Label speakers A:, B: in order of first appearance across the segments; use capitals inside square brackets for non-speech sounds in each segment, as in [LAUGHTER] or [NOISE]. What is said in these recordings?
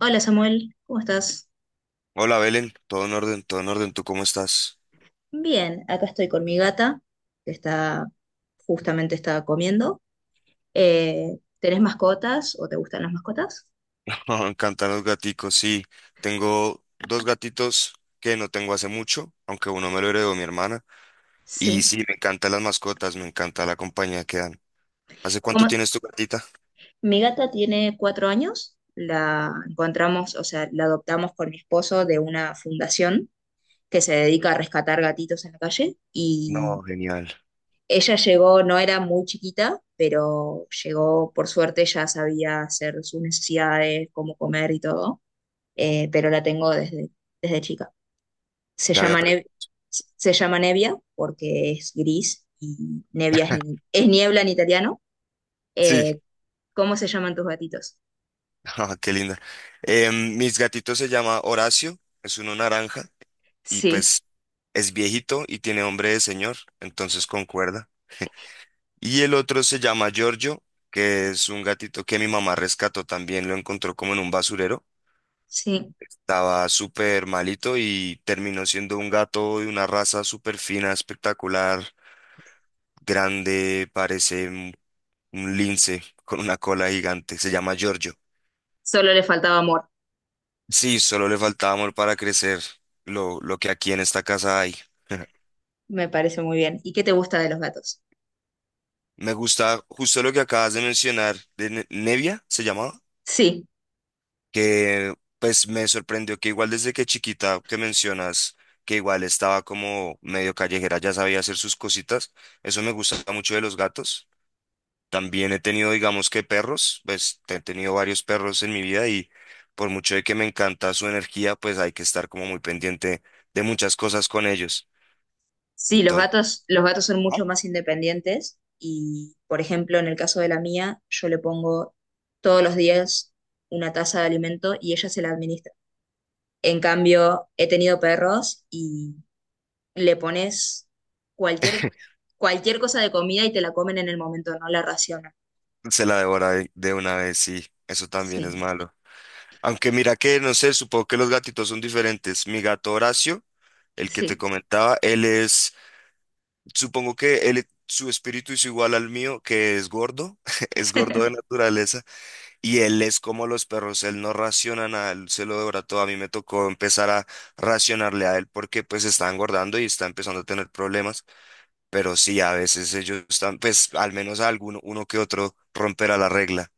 A: Hola Samuel, ¿cómo estás?
B: Hola Belén, todo en orden, ¿tú cómo estás?
A: Bien, acá estoy con mi gata, que está, justamente está comiendo. ¿Tenés mascotas o te gustan las mascotas?
B: [LAUGHS] Me encantan los gaticos, sí, tengo dos gatitos que no tengo hace mucho, aunque uno me lo heredó mi hermana, y
A: Sí.
B: sí, me encantan las mascotas, me encanta la compañía que dan. ¿Hace cuánto
A: Como,
B: tienes tu gatita?
A: mi gata tiene 4 años, la encontramos, o sea, la adoptamos con mi esposo de una fundación que se dedica a rescatar gatitos en la calle y
B: No, genial.
A: ella llegó, no era muy chiquita, pero llegó, por suerte, ya sabía hacer sus necesidades, cómo comer y todo. Pero la tengo desde chica. Se
B: ya había...
A: llama,
B: pre-
A: se llama Nevia porque es gris y Nevia es niebla en italiano.
B: Sí.
A: Eh, ¿Cómo se llaman tus gatitos?
B: [LAUGHS] Ah, qué linda. Mis gatitos se llama Horacio, es uno naranja, y
A: Sí,
B: pues es viejito y tiene hombre de señor, entonces concuerda. Y el otro se llama Giorgio, que es un gatito que mi mamá rescató también, lo encontró como en un basurero.
A: sí,
B: Estaba súper malito y terminó siendo un gato de una raza súper fina, espectacular, grande, parece un lince con una cola gigante. Se llama Giorgio.
A: solo le faltaba amor,
B: Sí, solo le faltaba amor para crecer, lo que aquí en esta casa hay.
A: me parece muy bien. ¿Y qué te gusta de los gatos?
B: [LAUGHS] Me gusta justo lo que acabas de mencionar, de Nevia, ¿se llamaba?
A: Sí,
B: Que pues me sorprendió que igual desde que chiquita que mencionas que igual estaba como medio callejera, ya sabía hacer sus cositas, eso me gusta mucho de los gatos. También he tenido, digamos que perros, pues he tenido varios perros en mi vida y por mucho de que me encanta su energía, pues hay que estar como muy pendiente de muchas cosas con ellos.
A: sí,
B: Entonces,
A: los gatos son mucho
B: ajá,
A: más independientes y, por ejemplo, en el caso de la mía, yo le pongo todos los días una taza de alimento y ella se la administra. En cambio, he tenido perros y le pones cualquier, cualquier cosa de comida y te la comen en el momento, no la racionan.
B: se la devora de una vez, sí, eso también es
A: Sí,
B: malo. Aunque mira que, no sé, supongo que los gatitos son diferentes. Mi gato Horacio, el que te
A: sí,
B: comentaba, supongo que él, su espíritu es igual al mío, que es gordo, [LAUGHS] es gordo de
A: [LAUGHS]
B: naturaleza, y él es como los perros, él no raciona nada, él se lo devora todo. A mí me tocó empezar a racionarle a él porque pues está engordando y está empezando a tener problemas, pero sí, a veces ellos están, pues al menos alguno, uno que otro romperá la regla,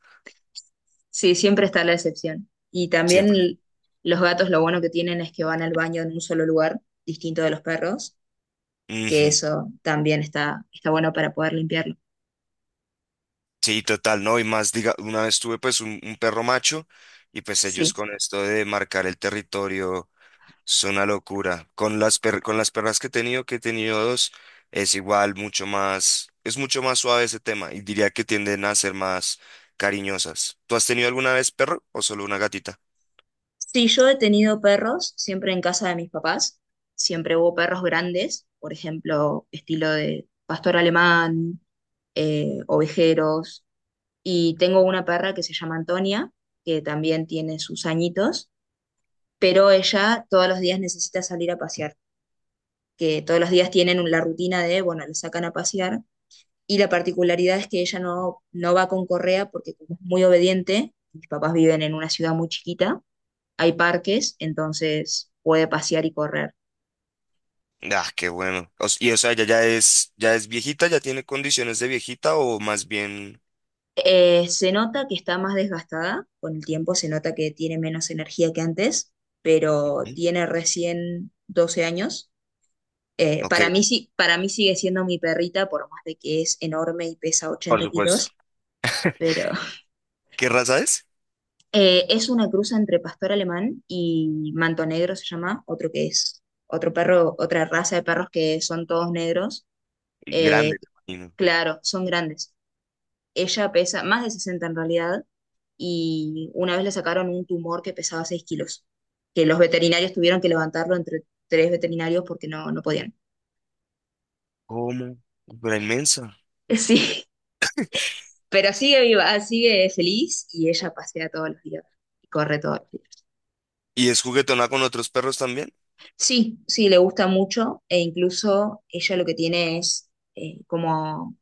A: sí, siempre está la excepción. Y también
B: siempre.
A: los gatos lo bueno que tienen es que van al baño en un solo lugar, distinto de los perros, que
B: Ujú.
A: eso también está bueno para poder limpiarlo.
B: Sí, total, no, y más, diga, una vez tuve pues un perro macho. Y pues ellos
A: Sí.
B: con esto de marcar el territorio, es una locura. Con las con las perras que he tenido dos, es igual, mucho más, es mucho más suave ese tema y diría que tienden a ser más cariñosas. ¿Tú has tenido alguna vez perro o solo una gatita?
A: Sí, yo he tenido perros siempre en casa de mis papás. Siempre hubo perros grandes, por ejemplo, estilo de pastor alemán, ovejeros. Y tengo una perra que se llama Antonia, que también tiene sus añitos, pero ella todos los días necesita salir a pasear, que todos los días tienen la rutina de, bueno, la sacan a pasear. Y la particularidad es que ella no va con correa porque como es muy obediente, mis papás viven en una ciudad muy chiquita, hay parques, entonces puede pasear y correr.
B: Ah, qué bueno. O s- y O sea, ya es viejita, ya tiene condiciones de viejita o más bien.
A: Se nota que está más desgastada con el tiempo, se nota que tiene menos energía que antes, pero
B: ¿Mm?
A: tiene recién 12 años.
B: Ok,
A: Para mí, sí, para mí sigue siendo mi perrita, por más de que es enorme y pesa
B: por
A: 80
B: supuesto.
A: kilos, pero [LAUGHS]
B: ¿Qué raza es?
A: es una cruza entre pastor alemán y manto negro se llama, otro que es otro perro, otra raza de perros que son todos negros. eh,
B: Grande, me imagino.
A: claro, son grandes. Ella pesa más de 60 en realidad y una vez le sacaron un tumor que pesaba 6 kilos, que los veterinarios tuvieron que levantarlo entre tres veterinarios porque no podían.
B: ¿Cómo? Pero inmensa.
A: [LAUGHS] Sí. Pero sigue viva, sigue feliz y ella pasea todos los días y corre todos los días.
B: ¿Y es juguetona con otros perros también?
A: Sí, sí, le gusta mucho e incluso ella lo que tiene es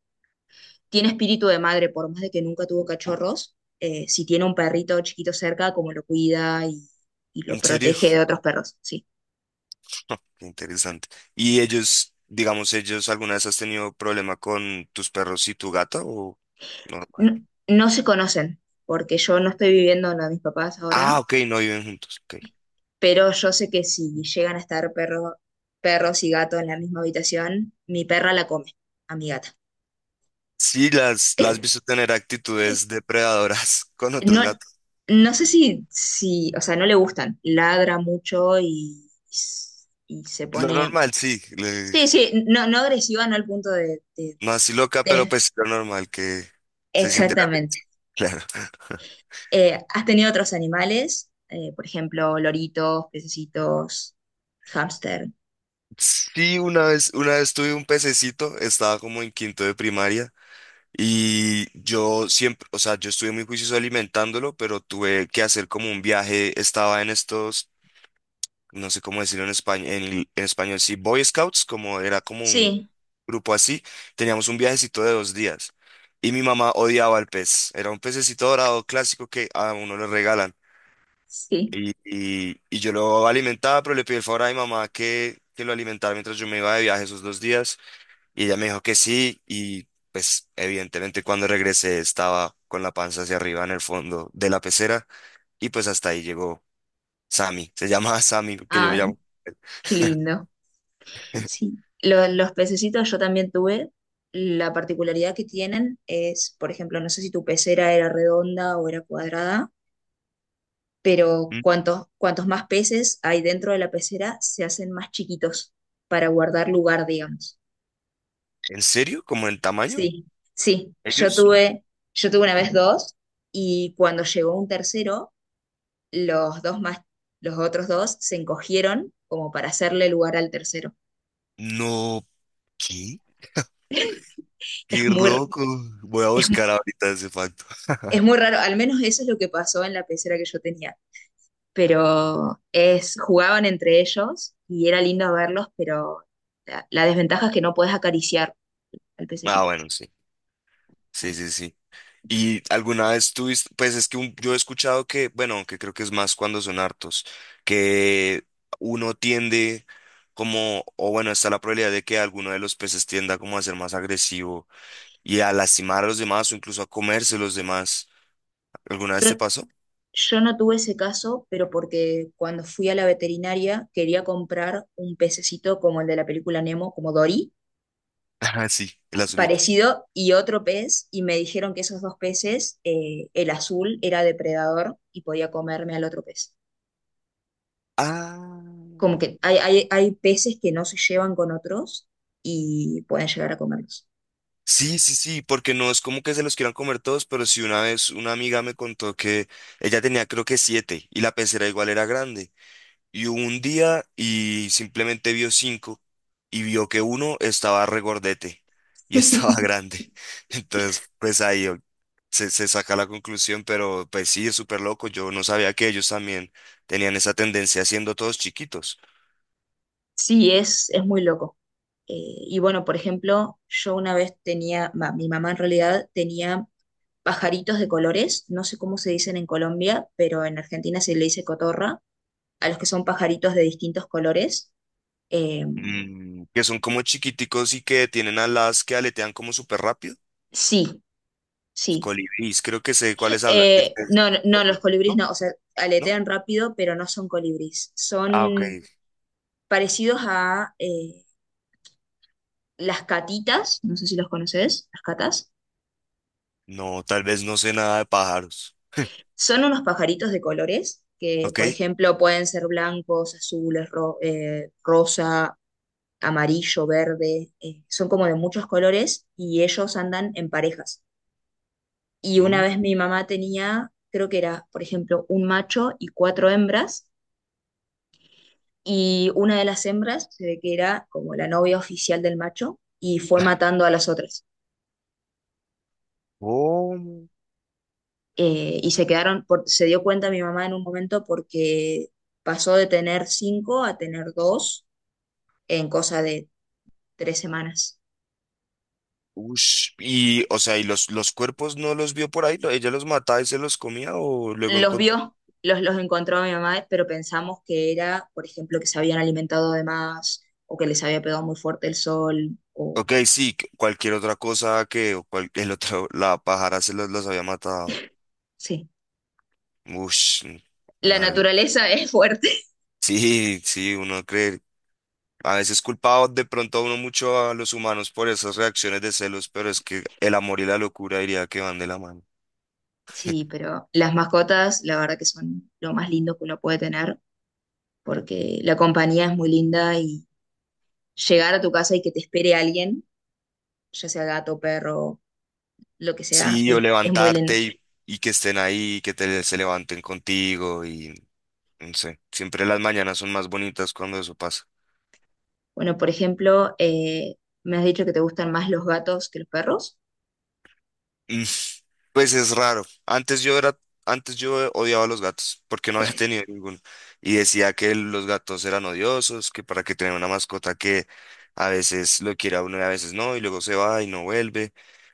A: tiene espíritu de madre, por más de que nunca tuvo cachorros. Si tiene un perrito chiquito cerca, como lo cuida y lo
B: ¿En serio?
A: protege de otros perros, sí.
B: Interesante. ¿Y ellos, digamos, ellos alguna vez has tenido problema con tus perros y tu gata o normal?
A: No, no se conocen, porque yo no estoy viviendo en la de mis papás ahora,
B: Ah, ok, no viven juntos. Ok.
A: pero yo sé que si llegan a estar perros y gatos en la misma habitación, mi perra la come a mi gata.
B: Sí, las has visto tener actitudes depredadoras [LAUGHS] con otros
A: No,
B: gatos.
A: no sé o sea, no le gustan. Ladra mucho y se
B: Lo
A: pone.
B: normal, sí.
A: Sí, sí, no, no agresiva, no al punto
B: No así loca, pero
A: de-
B: pues lo normal que se siente la atención.
A: exactamente.
B: [LAUGHS] Claro.
A: ¿Has tenido otros animales? Por ejemplo, loritos, pececitos, hámster.
B: Sí, una vez, tuve un pececito, estaba como en quinto de primaria. Y yo siempre, o sea, yo estuve muy juicioso alimentándolo, pero tuve que hacer como un viaje, estaba en estos, no sé cómo decirlo en español, en español, sí, Boy Scouts, como era como un
A: Sí,
B: grupo así, teníamos un viajecito de 2 días. Y mi mamá odiaba al pez, era un pececito dorado clásico que a uno le regalan.
A: sí.
B: Y yo lo alimentaba, pero le pedí el favor a mi mamá que lo alimentara mientras yo me iba de viaje esos 2 días. Y ella me dijo que sí y pues evidentemente cuando regresé estaba con la panza hacia arriba en el fondo de la pecera y pues hasta ahí llegó Sammy. Se [LAUGHS] llama Sammy, que yo
A: Ay,
B: llamo.
A: qué lindo. Sí. Los pececitos yo también tuve. La particularidad que tienen es, por ejemplo, no sé si tu pecera era redonda o era cuadrada. Pero
B: Mm.
A: cuantos más peces hay dentro de la pecera, se hacen más chiquitos para guardar lugar, digamos.
B: ¿En serio? ¿Como en tamaño?
A: Sí, sí, yo
B: ¿Ellos?
A: yo tuve una vez dos y cuando llegó un tercero, los dos los otros dos se encogieron como para hacerle lugar al tercero.
B: No, ¿qué?
A: Es
B: Qué loco. Voy a
A: es,
B: buscar ahorita ese facto.
A: es muy
B: [LAUGHS]
A: raro, al menos eso es lo que pasó en la pecera que yo tenía, pero es, jugaban entre ellos y era lindo verlos, pero la desventaja es que no puedes acariciar al
B: Ah,
A: pececito.
B: bueno, sí. Sí, sí, sí. Y alguna vez tuviste, pues es que yo he escuchado que, bueno, aunque creo que es más cuando son hartos, que uno tiende como, o bueno, está la probabilidad de que alguno de los peces tienda como a ser más agresivo y a lastimar a los demás o incluso a comerse los demás. ¿Alguna vez te
A: Yo,
B: pasó?
A: yo no tuve ese caso, pero porque cuando fui a la veterinaria quería comprar un pececito como el de la película Nemo, como Dory,
B: [LAUGHS] Ah, sí, el azulito.
A: parecido, y otro pez, y me dijeron que esos dos peces, el azul era depredador y podía comerme al otro pez.
B: Ah.
A: Como que hay peces que no se llevan con otros y pueden llegar a comerlos.
B: Sí, sí, sí, porque no es como que se los quieran comer todos, pero sí una vez una amiga me contó que ella tenía creo que siete y la pecera igual era grande. Y hubo un día y simplemente vio cinco y vio que uno estaba regordete y estaba [LAUGHS]
A: [LAUGHS]
B: grande. Entonces, pues se, se saca la conclusión, pero pues sí, es súper loco. Yo no sabía que ellos también tenían esa tendencia siendo todos chiquitos.
A: Sí, es muy loco. Eh, y bueno, por ejemplo, yo una vez tenía, mi mamá en realidad tenía pajaritos de colores, no sé cómo se dicen en Colombia, pero en Argentina se le dice cotorra, a los que son pajaritos de distintos colores. Eh,
B: Mm, que son como chiquiticos y que tienen alas que aletean como súper rápido.
A: sí,
B: Los
A: sí.
B: Colibríes, creo que sé de cuáles hablan. ¿Que
A: No, los colibríes
B: no?
A: no, o sea,
B: ¿No?
A: aletean rápido, pero no son colibríes.
B: Ah, ok.
A: Son parecidos a las catitas, no sé si los conoces, las catas.
B: No, tal vez no sé nada de pájaros.
A: Son unos pajaritos de colores que,
B: Ok.
A: por ejemplo, pueden ser blancos, azules, ro rosa, amarillo, verde, son como de muchos colores y ellos andan en parejas. Y una
B: Mm.
A: vez mi mamá tenía, creo que era, por ejemplo, un macho y cuatro hembras, y una de las hembras se ve que era como la novia oficial del macho y fue matando a las otras.
B: ¿Cómo?
A: Y se quedaron, se dio cuenta mi mamá en un momento porque pasó de tener cinco a tener dos en cosa de 3 semanas.
B: Ush, y, o sea, ¿y los cuerpos no los vio por ahí? ¿Ella los mataba y se los comía o luego
A: Los
B: encontró?
A: vio, los encontró mi mamá, pero pensamos que era, por ejemplo, que se habían alimentado de más o que les había pegado muy fuerte el sol. O,
B: Ok, sí, cualquier otra cosa que o el otro, la pájara los había matado.
A: sí,
B: Ush, mm, la
A: la
B: madre.
A: naturaleza [LAUGHS] es fuerte.
B: Sí, sí, uno cree. A veces culpaba de pronto a uno mucho a los humanos por esas reacciones de celos, pero es que el amor y la locura diría que van de la mano.
A: Sí, pero las mascotas, la verdad que son lo más lindo que uno puede tener porque la compañía es muy linda y llegar a tu casa y que te espere alguien, ya sea gato, perro, lo que sea,
B: Sí, o
A: es muy lindo.
B: levantarte y que estén ahí, se levanten contigo y no sé, siempre las mañanas son más bonitas cuando eso pasa.
A: Bueno, por ejemplo, me has dicho que te gustan más los gatos que los perros.
B: Mm, pues es raro. Antes yo odiaba a los gatos porque no había [LAUGHS] tenido ninguno. Y decía que los gatos eran odiosos, que para que tener una mascota que a veces lo quiere a uno y a veces no, y luego se va y no vuelve,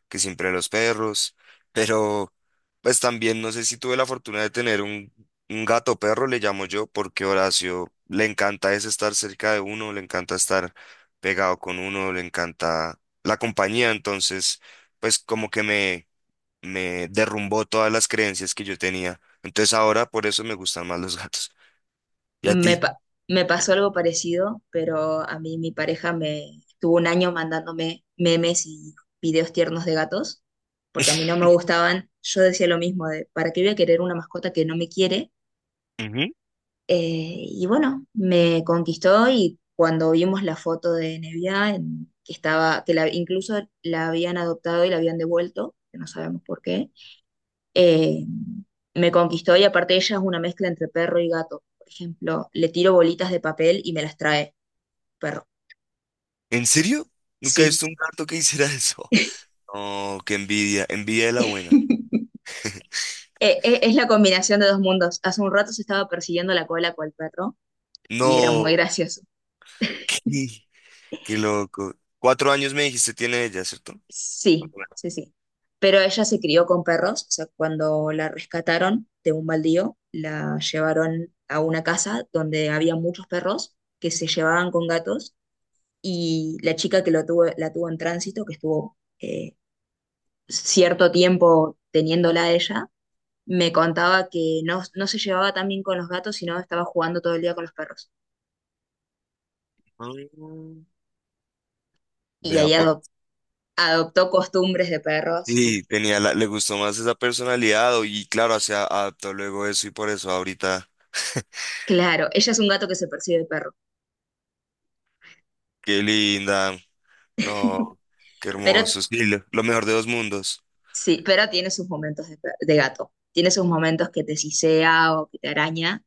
B: que siempre los perros. Pero pues también no sé si tuve la fortuna de tener un gato perro, le llamo yo, porque Horacio le encanta es estar cerca de uno, le encanta estar pegado con uno, le encanta la compañía, entonces pues como que me derrumbó todas las creencias que yo tenía. Entonces ahora por eso me gustan más los gatos. ¿Y a
A: Me,
B: ti?
A: pa- Me pasó algo parecido, pero a mí mi pareja me estuvo un año mandándome memes y videos tiernos de gatos, porque a mí no me
B: [LAUGHS]
A: gustaban. Yo decía lo mismo, de, ¿para qué voy a querer una mascota que no me quiere?
B: Ujú.
A: Y bueno, me conquistó y cuando vimos la foto de Nevia, que estaba, que incluso la habían adoptado y la habían devuelto, que no sabemos por qué. eh, Me conquistó y aparte ella es una mezcla entre perro y gato. Por ejemplo, le tiro bolitas de papel y me las trae, perro.
B: ¿En serio? Nunca he
A: Sí.
B: visto un gato que hiciera eso. No, qué envidia, envidia de la buena.
A: [LAUGHS] Es la combinación de dos mundos. Hace un rato se estaba persiguiendo la cola con el perro y era muy
B: No,
A: gracioso.
B: [LAUGHS] qué, qué loco. 4 años me dijiste tiene ella, ¿cierto?
A: Sí,
B: Cuatro
A: sí, sí. Pero ella se crió con perros, o sea, cuando la rescataron de un baldío, la llevaron a una casa donde había muchos perros que se llevaban con gatos y la chica que lo tuvo, la tuvo en tránsito, que estuvo cierto tiempo teniéndola a ella, me contaba que no, no se llevaba tan bien con los gatos, sino estaba jugando todo el día con los perros.
B: años. Mm.
A: Y
B: Vea
A: ahí
B: pues.
A: adoptó costumbres de perros
B: Sí, le gustó más esa personalidad y claro, adaptó luego eso y por eso ahorita,
A: claro, ella es un gato que se percibe de perro,
B: qué linda. No, qué
A: pero
B: hermoso. Sí, lo mejor de dos mundos.
A: sí, pero tiene sus momentos de gato. Tiene sus momentos que te sisea o que te araña,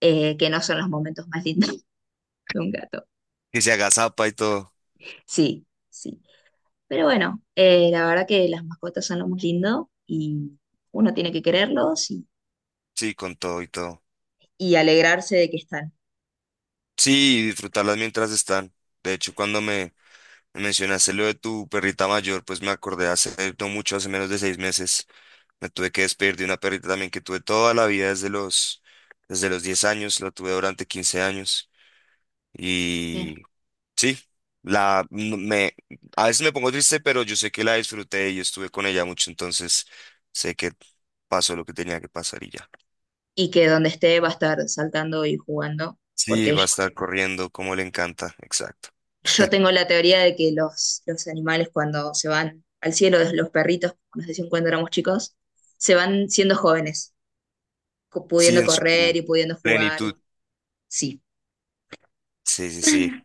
A: que no son los momentos más lindos [LAUGHS] de un gato.
B: Que se agazapa y todo.
A: Sí, sí. Pero bueno, la verdad que las mascotas son lo más lindo y uno tiene que quererlos
B: Sí, con todo y todo.
A: y alegrarse de que están.
B: Sí, y disfrutarlas mientras están. De hecho, me mencionaste lo de tu perrita mayor, pues me acordé hace no mucho, hace menos de 6 meses, me tuve que despedir de una perrita también que tuve toda la vida desde los 10 años, la tuve durante 15 años.
A: Sí.
B: Y sí, la, no- me, a veces me pongo triste, pero yo sé que la disfruté y estuve con ella mucho, entonces sé que pasó lo que tenía que pasar y ya.
A: Y que donde esté va a estar saltando y jugando,
B: Sí,
A: porque
B: va a estar corriendo como le encanta, exacto.
A: yo tengo la teoría de que los animales cuando se van al cielo, los perritos, como nos decían cuando éramos chicos, se van siendo jóvenes,
B: Sí,
A: pudiendo
B: en
A: correr y
B: su
A: pudiendo jugar, y
B: plenitud.
A: sí.
B: Sí, sí, sí.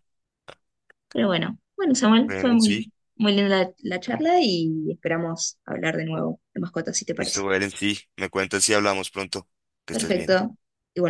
A: Pero bueno, Samuel, fue
B: Bueno, sí.
A: muy linda la charla y esperamos hablar de nuevo de mascotas, si te parece.
B: Listo, Beren, sí. Me cuentas si hablamos pronto. Que estés
A: Perfecto.
B: bien.
A: Igual